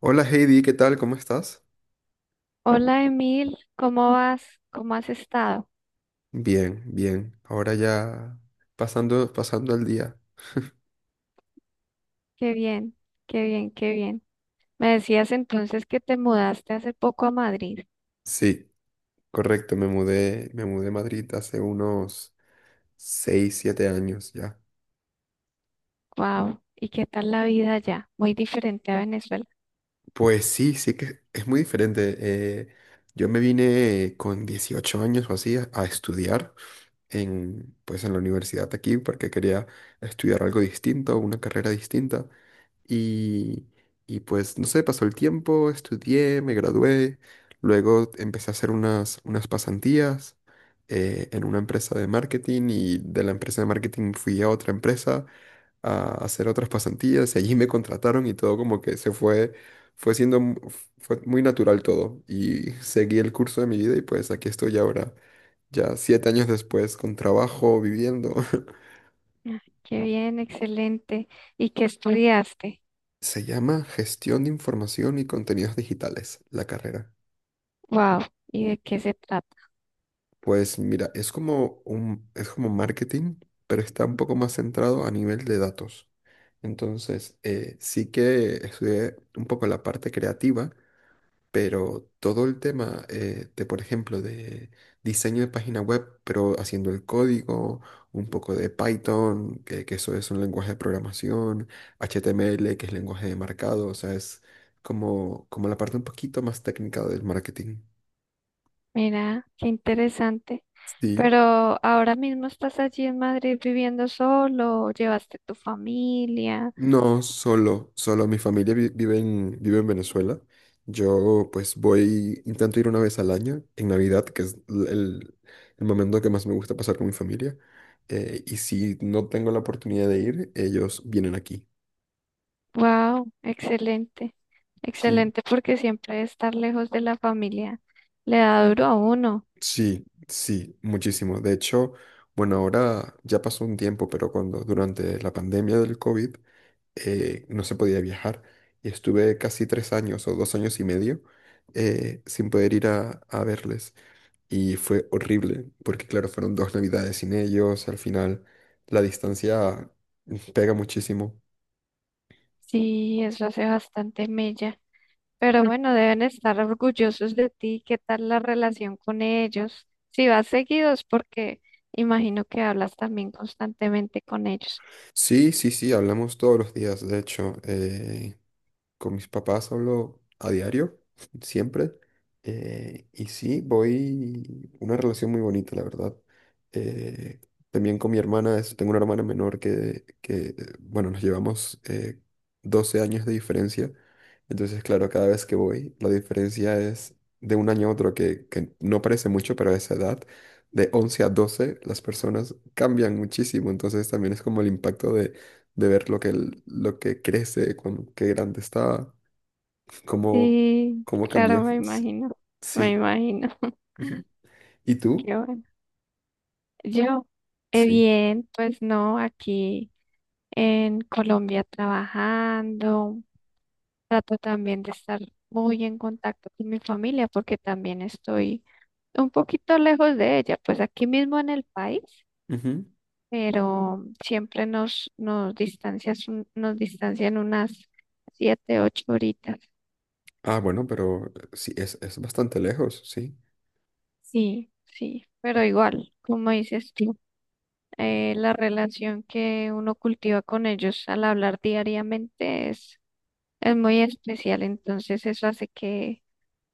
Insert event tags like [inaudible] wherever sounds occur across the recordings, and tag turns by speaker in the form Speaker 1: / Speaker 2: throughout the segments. Speaker 1: Hola Heidi, ¿qué tal? ¿Cómo estás?
Speaker 2: Hola Emil, ¿cómo vas? ¿Cómo has estado?
Speaker 1: Bien, bien. Ahora ya pasando el día.
Speaker 2: Qué bien, qué bien, qué bien. Me decías entonces que te mudaste hace poco a Madrid.
Speaker 1: Sí, correcto, me mudé a Madrid hace unos 6, 7 años ya.
Speaker 2: Wow. ¿Y qué tal la vida allá? Muy diferente a Venezuela.
Speaker 1: Pues sí, sí que es muy diferente. Yo me vine con 18 años o así a estudiar en, pues en la universidad aquí porque quería estudiar algo distinto, una carrera distinta. Y, y pues, no sé, pasó el tiempo, estudié, me gradué, luego empecé a hacer unas pasantías en una empresa de marketing, y de la empresa de marketing fui a otra empresa a hacer otras pasantías y allí me contrataron y todo como que se fue, fue siendo, mu- fue muy natural todo y [laughs] seguí el curso de mi vida y pues aquí estoy ahora, ya siete años después, con trabajo, viviendo. [laughs]
Speaker 2: Ah, qué bien, excelente. ¿Y qué estudiaste?
Speaker 1: Se llama Gestión de Información y Contenidos Digitales, la carrera.
Speaker 2: Wow. ¿Y de qué se trata?
Speaker 1: Pues mira, es como marketing, pero está un poco más centrado a nivel de datos. Entonces, sí que estudié un poco la parte creativa, pero todo el tema por ejemplo, de diseño de página web, pero haciendo el código, un poco de Python, que eso es un lenguaje de programación, HTML, que es lenguaje de marcado, o sea, es como la parte un poquito más técnica del marketing.
Speaker 2: Mira, qué interesante.
Speaker 1: Sí.
Speaker 2: Pero ahora mismo estás allí en Madrid viviendo solo, llevaste tu familia.
Speaker 1: No, solo mi familia vive vive en Venezuela. Yo pues voy, intento ir una vez al año, en Navidad, que es el momento que más me gusta pasar con mi familia. Y si no tengo la oportunidad de ir, ellos vienen aquí.
Speaker 2: Wow, excelente,
Speaker 1: Sí,
Speaker 2: excelente, porque siempre estar lejos de la familia le da duro a uno.
Speaker 1: sí, sí, muchísimo. De hecho, bueno, ahora ya pasó un tiempo, pero cuando durante la pandemia del COVID no se podía viajar y estuve casi tres años o dos años y medio sin poder ir a verles. Y fue horrible, porque claro, fueron dos navidades sin ellos, al final la distancia pega muchísimo.
Speaker 2: Sí, eso hace bastante mella. Pero bueno, deben estar orgullosos de ti. ¿Qué tal la relación con ellos? Si vas seguidos, porque imagino que hablas también constantemente con ellos.
Speaker 1: Sí, sí, sí, hablamos todos los días, de hecho. Con mis papás hablo a diario, [laughs] siempre. Y sí, voy una relación muy bonita, la verdad. Eh, También con mi hermana, tengo una hermana menor que, bueno, nos llevamos 12 años de diferencia. Entonces, claro, cada vez que voy, la diferencia es de un año a otro, que no parece mucho, pero a esa edad, de 11 a 12, las personas cambian muchísimo. Entonces, también es como el impacto de ver lo que crece, qué grande está, cómo,
Speaker 2: Sí,
Speaker 1: cómo
Speaker 2: claro,
Speaker 1: cambió.
Speaker 2: me
Speaker 1: [laughs] Sí.
Speaker 2: imagino, me
Speaker 1: Sí.
Speaker 2: imagino. [laughs]
Speaker 1: Ujú. ¿Y tú?
Speaker 2: Qué bueno. Yo,
Speaker 1: Sí.
Speaker 2: bien, pues no, aquí en Colombia trabajando. Trato también de estar muy en contacto con mi familia porque también estoy un poquito lejos de ella, pues aquí mismo en el país,
Speaker 1: Ujú.
Speaker 2: pero siempre nos distancias, nos distancian unas siete, ocho horitas.
Speaker 1: Ah, bueno, pero sí, es bastante lejos, sí.
Speaker 2: Sí, sí, pero igual, como dices tú, la relación que uno cultiva con ellos al hablar diariamente es muy especial, entonces eso hace que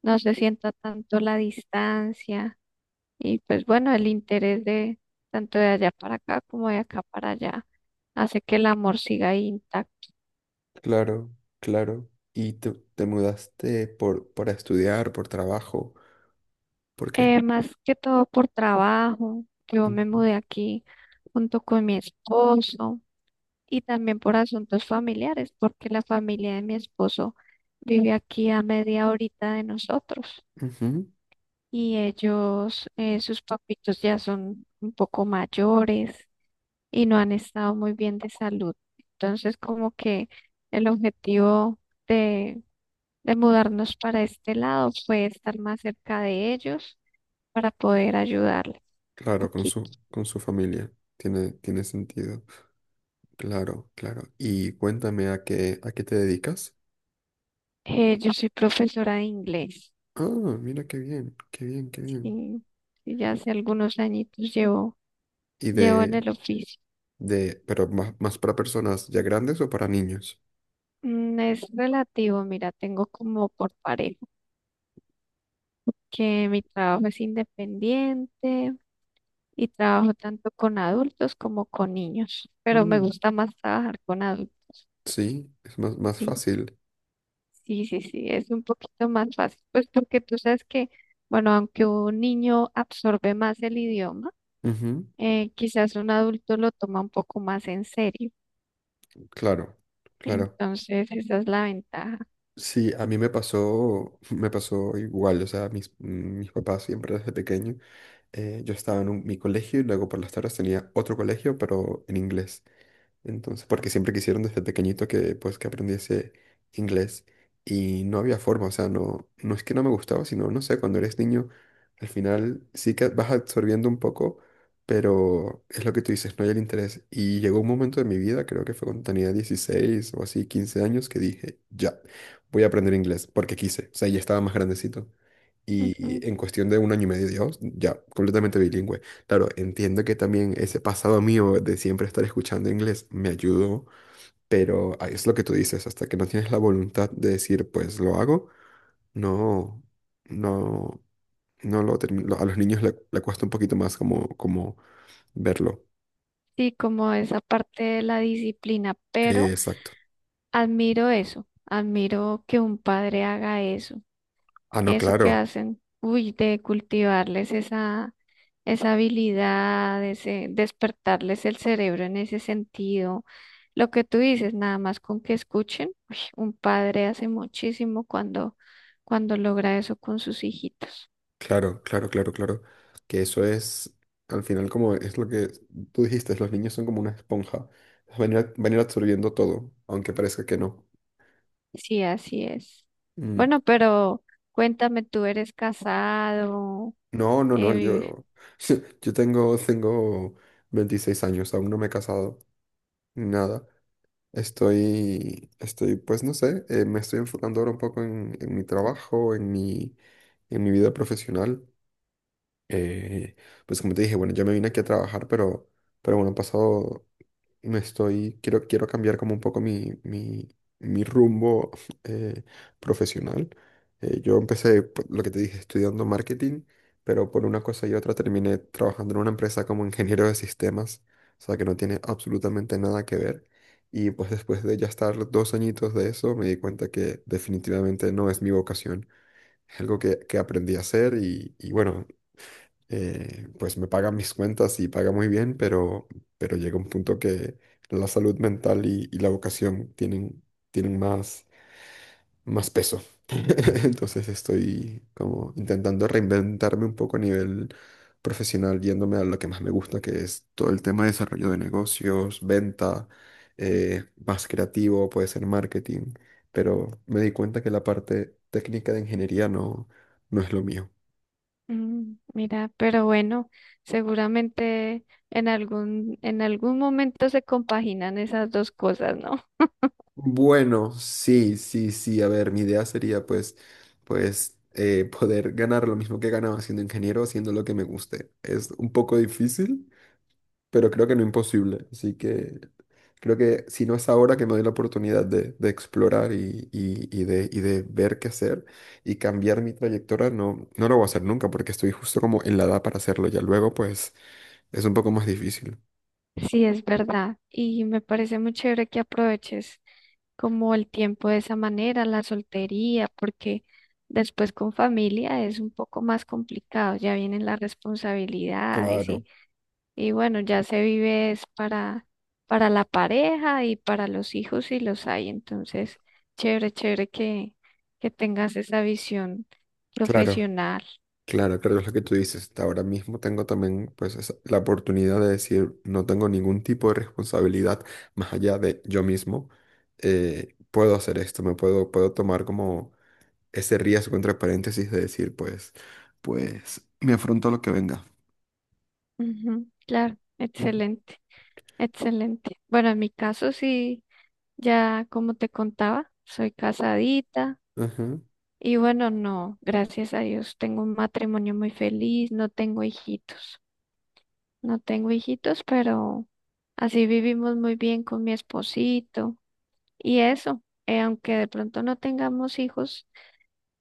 Speaker 2: no se sienta tanto la distancia. Y pues bueno, el interés de tanto de allá para acá como de acá para allá hace que el amor siga ahí intacto.
Speaker 1: Claro, claro. ¿Y te mudaste por, para estudiar, por trabajo? ¿Por qué?
Speaker 2: Más que todo por trabajo, yo me
Speaker 1: Ujú,
Speaker 2: mudé aquí junto con mi esposo y también por asuntos familiares, porque la familia de mi esposo vive aquí a media horita de nosotros
Speaker 1: ujú.
Speaker 2: y ellos, sus papitos ya son un poco mayores y no han estado muy bien de salud. Entonces, como que el objetivo de, de mudarnos para este lado fue estar más cerca de ellos para poder ayudarles un
Speaker 1: Claro, con
Speaker 2: poquito.
Speaker 1: con su familia. Tiene, tiene sentido. Claro, claro. Y cuéntame a a qué te dedicas.
Speaker 2: Yo soy profesora de inglés
Speaker 1: Ah, mira qué bien, qué bien, qué bien.
Speaker 2: y, y ya hace algunos añitos
Speaker 1: y
Speaker 2: llevo en
Speaker 1: de,
Speaker 2: el oficio.
Speaker 1: pero más, más para personas ya grandes o para niños.
Speaker 2: Mm, es relativo, mira, tengo como por parejo que mi trabajo es independiente y trabajo tanto con adultos como con niños, pero me
Speaker 1: Mm.
Speaker 2: gusta más trabajar con adultos.
Speaker 1: Sí, es más, más
Speaker 2: Sí,
Speaker 1: fácil.
Speaker 2: sí, es un poquito más fácil, pues porque tú sabes que, bueno, aunque un niño absorbe más el idioma,
Speaker 1: Ujú,
Speaker 2: quizás un adulto lo toma un poco más en serio.
Speaker 1: claro, claro.
Speaker 2: Entonces, esa es la ventaja.
Speaker 1: Sí, a mí me pasó, [laughs] me pasó igual, o sea, mis papás siempre desde pequeño, yo estaba en mi colegio y luego por las tardes tenía otro colegio, pero en inglés. Entonces, porque siempre quisieron desde pequeñito que pues que aprendiese inglés y no había forma, o sea, no, no es que no me gustaba, sino, no sé, cuando eres niño, al final sí que vas absorbiendo un poco, pero es lo que tú dices, no hay el interés. Y llegó un momento de mi vida, creo que fue cuando tenía 16 o así, 15 años, que dije, ya, voy a aprender inglés, porque quise, o sea, ya estaba más grandecito.
Speaker 2: Ujú.
Speaker 1: Y en cuestión de un año y medio, Dios, ya, completamente bilingüe. Claro, entiendo que también ese pasado mío de siempre estar escuchando inglés me ayudó, pero ahí es lo que tú dices, hasta que no tienes la voluntad de decir, pues lo hago, no, no, no lo termino. A los niños le cuesta un poquito más como, como verlo.
Speaker 2: Sí, como esa parte de la disciplina, pero
Speaker 1: Exacto.
Speaker 2: admiro eso, admiro que un padre haga eso,
Speaker 1: Ah, no,
Speaker 2: eso que
Speaker 1: claro,
Speaker 2: hacen, uy, de cultivarles esa, esa habilidad, ese, despertarles el cerebro en ese sentido. Lo que tú dices, nada más con que escuchen, uy, un padre hace muchísimo cuando, cuando logra eso con sus hijitos.
Speaker 1: claro, claro, claro, claro. Que eso es, al final, como es lo que tú dijiste, los niños son como una esponja, van a ir absorbiendo todo, aunque parezca que no.
Speaker 2: Sí, así es.
Speaker 1: Mm.
Speaker 2: Bueno, pero cuéntame, ¿tú eres casado?
Speaker 1: No, no, no, yo, [laughs] yo tengo, tengo 26 años, aún no me he casado, ni nada. Estoy, estoy, pues no sé, me estoy enfocando ahora un poco en mi trabajo, en mi vida profesional. Eh, pues como te dije, bueno, yo me vine aquí a trabajar, pero bueno, han pasado me estoy, quiero cambiar como un poco mi rumbo [laughs] eh, profesional. Yo empecé, lo que te dije, estudiando marketing, pero por una cosa y otra terminé trabajando en una empresa como ingeniero de sistemas, o sea que no tiene absolutamente nada que ver. Y pues después de ya estar dos añitos de eso, me di cuenta que definitivamente no es mi vocación. Es algo que aprendí a hacer y bueno, pues me paga mis cuentas y paga muy bien, pero llega un punto que la salud mental y la vocación tienen más, más peso. [laughs] Entonces estoy como intentando reinventarme un poco a nivel profesional, yéndome a lo que más me gusta, que es todo el tema de desarrollo de negocios, venta, más creativo, puede ser marketing, pero me di cuenta que la parte técnica de ingeniería no, no es lo mío.
Speaker 2: Mm, mira, pero bueno, seguramente en algún momento se compaginan esas dos cosas, ¿no?
Speaker 1: Bueno, sí, sí, sí. A ver, mi idea sería pues, pues, [laughs] poder ganar lo mismo que ganaba siendo ingeniero, haciendo lo que me guste. Es un poco difícil, pero creo que no imposible. Así que creo que si no es ahora que me doy la oportunidad de explorar y de ver qué hacer y cambiar mi trayectoria, no, no lo voy a hacer nunca porque estoy justo como en la edad para hacerlo. Ya luego pues es un poco más difícil.
Speaker 2: [laughs] Sí, es verdad. Y me parece muy chévere que aproveches como el tiempo de esa manera, la soltería, porque después con familia es un poco más complicado, ya vienen las responsabilidades.
Speaker 1: Claro,
Speaker 2: Y bueno, ya se vive es para la pareja y para los hijos si los hay. Entonces, chévere, chévere que tengas esa visión
Speaker 1: claro.
Speaker 2: profesional.
Speaker 1: Claro, claro, es lo que tú dices. Ahora mismo tengo también pues la oportunidad de decir, no tengo ningún tipo de responsabilidad más allá de yo mismo. Puedo hacer esto, me puedo, puedo tomar como ese riesgo entre paréntesis de decir, pues, pues, me afronto a lo que venga.
Speaker 2: Ujú, claro,
Speaker 1: Ujú.
Speaker 2: excelente, excelente. Bueno, en mi caso sí, ya como te contaba, soy casadita
Speaker 1: Ajá,
Speaker 2: y bueno, no, gracias a Dios, tengo un matrimonio muy feliz, no tengo hijitos, no tengo hijitos, pero así vivimos muy bien con mi esposito. Y eso, aunque de pronto no tengamos hijos,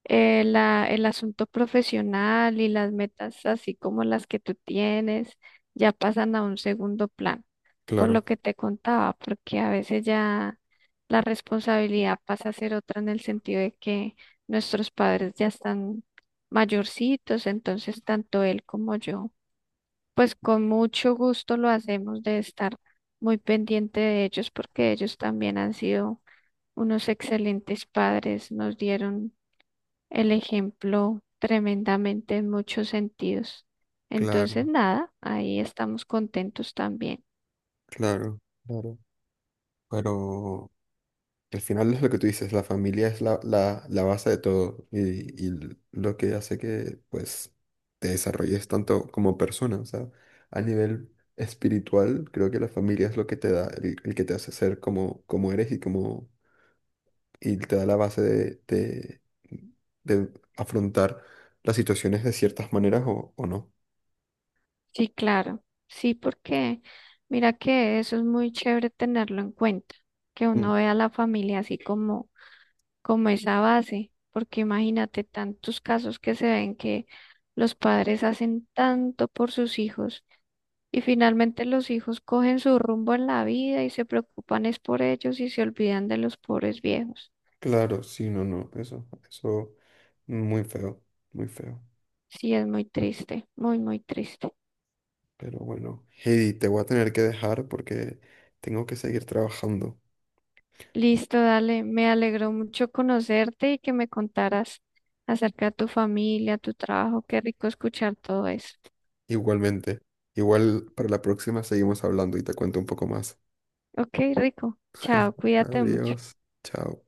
Speaker 2: el asunto profesional y las metas, así como las que tú tienes, ya pasan a un segundo plano, por lo
Speaker 1: claro,
Speaker 2: que te contaba, porque a veces ya la responsabilidad pasa a ser otra en el sentido de que nuestros padres ya están mayorcitos, entonces tanto él como yo, pues con mucho gusto lo hacemos de estar muy pendiente de ellos, porque ellos también han sido unos excelentes padres, nos dieron el ejemplo tremendamente en muchos sentidos. Entonces,
Speaker 1: claro,
Speaker 2: nada, ahí estamos contentos también.
Speaker 1: claro, claro. Pero al final es lo que tú dices, la familia es la base de todo y lo que hace que pues te desarrolles tanto como persona, o sea, a nivel espiritual creo que la familia es lo que te da, el que te hace ser como, como eres y como y te da la base de afrontar las situaciones de ciertas maneras o no.
Speaker 2: Sí, claro, sí, porque mira que eso es muy chévere tenerlo en cuenta, que
Speaker 1: Mm,
Speaker 2: uno vea a la familia así como, como esa base, porque imagínate tantos casos que se ven que los padres hacen tanto por sus hijos y finalmente los hijos cogen su rumbo en la vida y se preocupan es por ellos y se olvidan de los pobres viejos.
Speaker 1: claro, sí, no, no, eso muy feo, muy feo.
Speaker 2: Sí, es muy triste, muy, muy triste.
Speaker 1: Pero bueno, Heidi, te voy a tener que dejar porque tengo que seguir trabajando.
Speaker 2: Listo, dale. Me alegró mucho conocerte y que me contaras acerca de tu familia, tu trabajo. Qué rico escuchar todo eso.
Speaker 1: Igualmente. Igual para la próxima seguimos hablando y te cuento un poco más.
Speaker 2: Ok, rico. Chao, cuídate mucho.
Speaker 1: Adiós. Chao.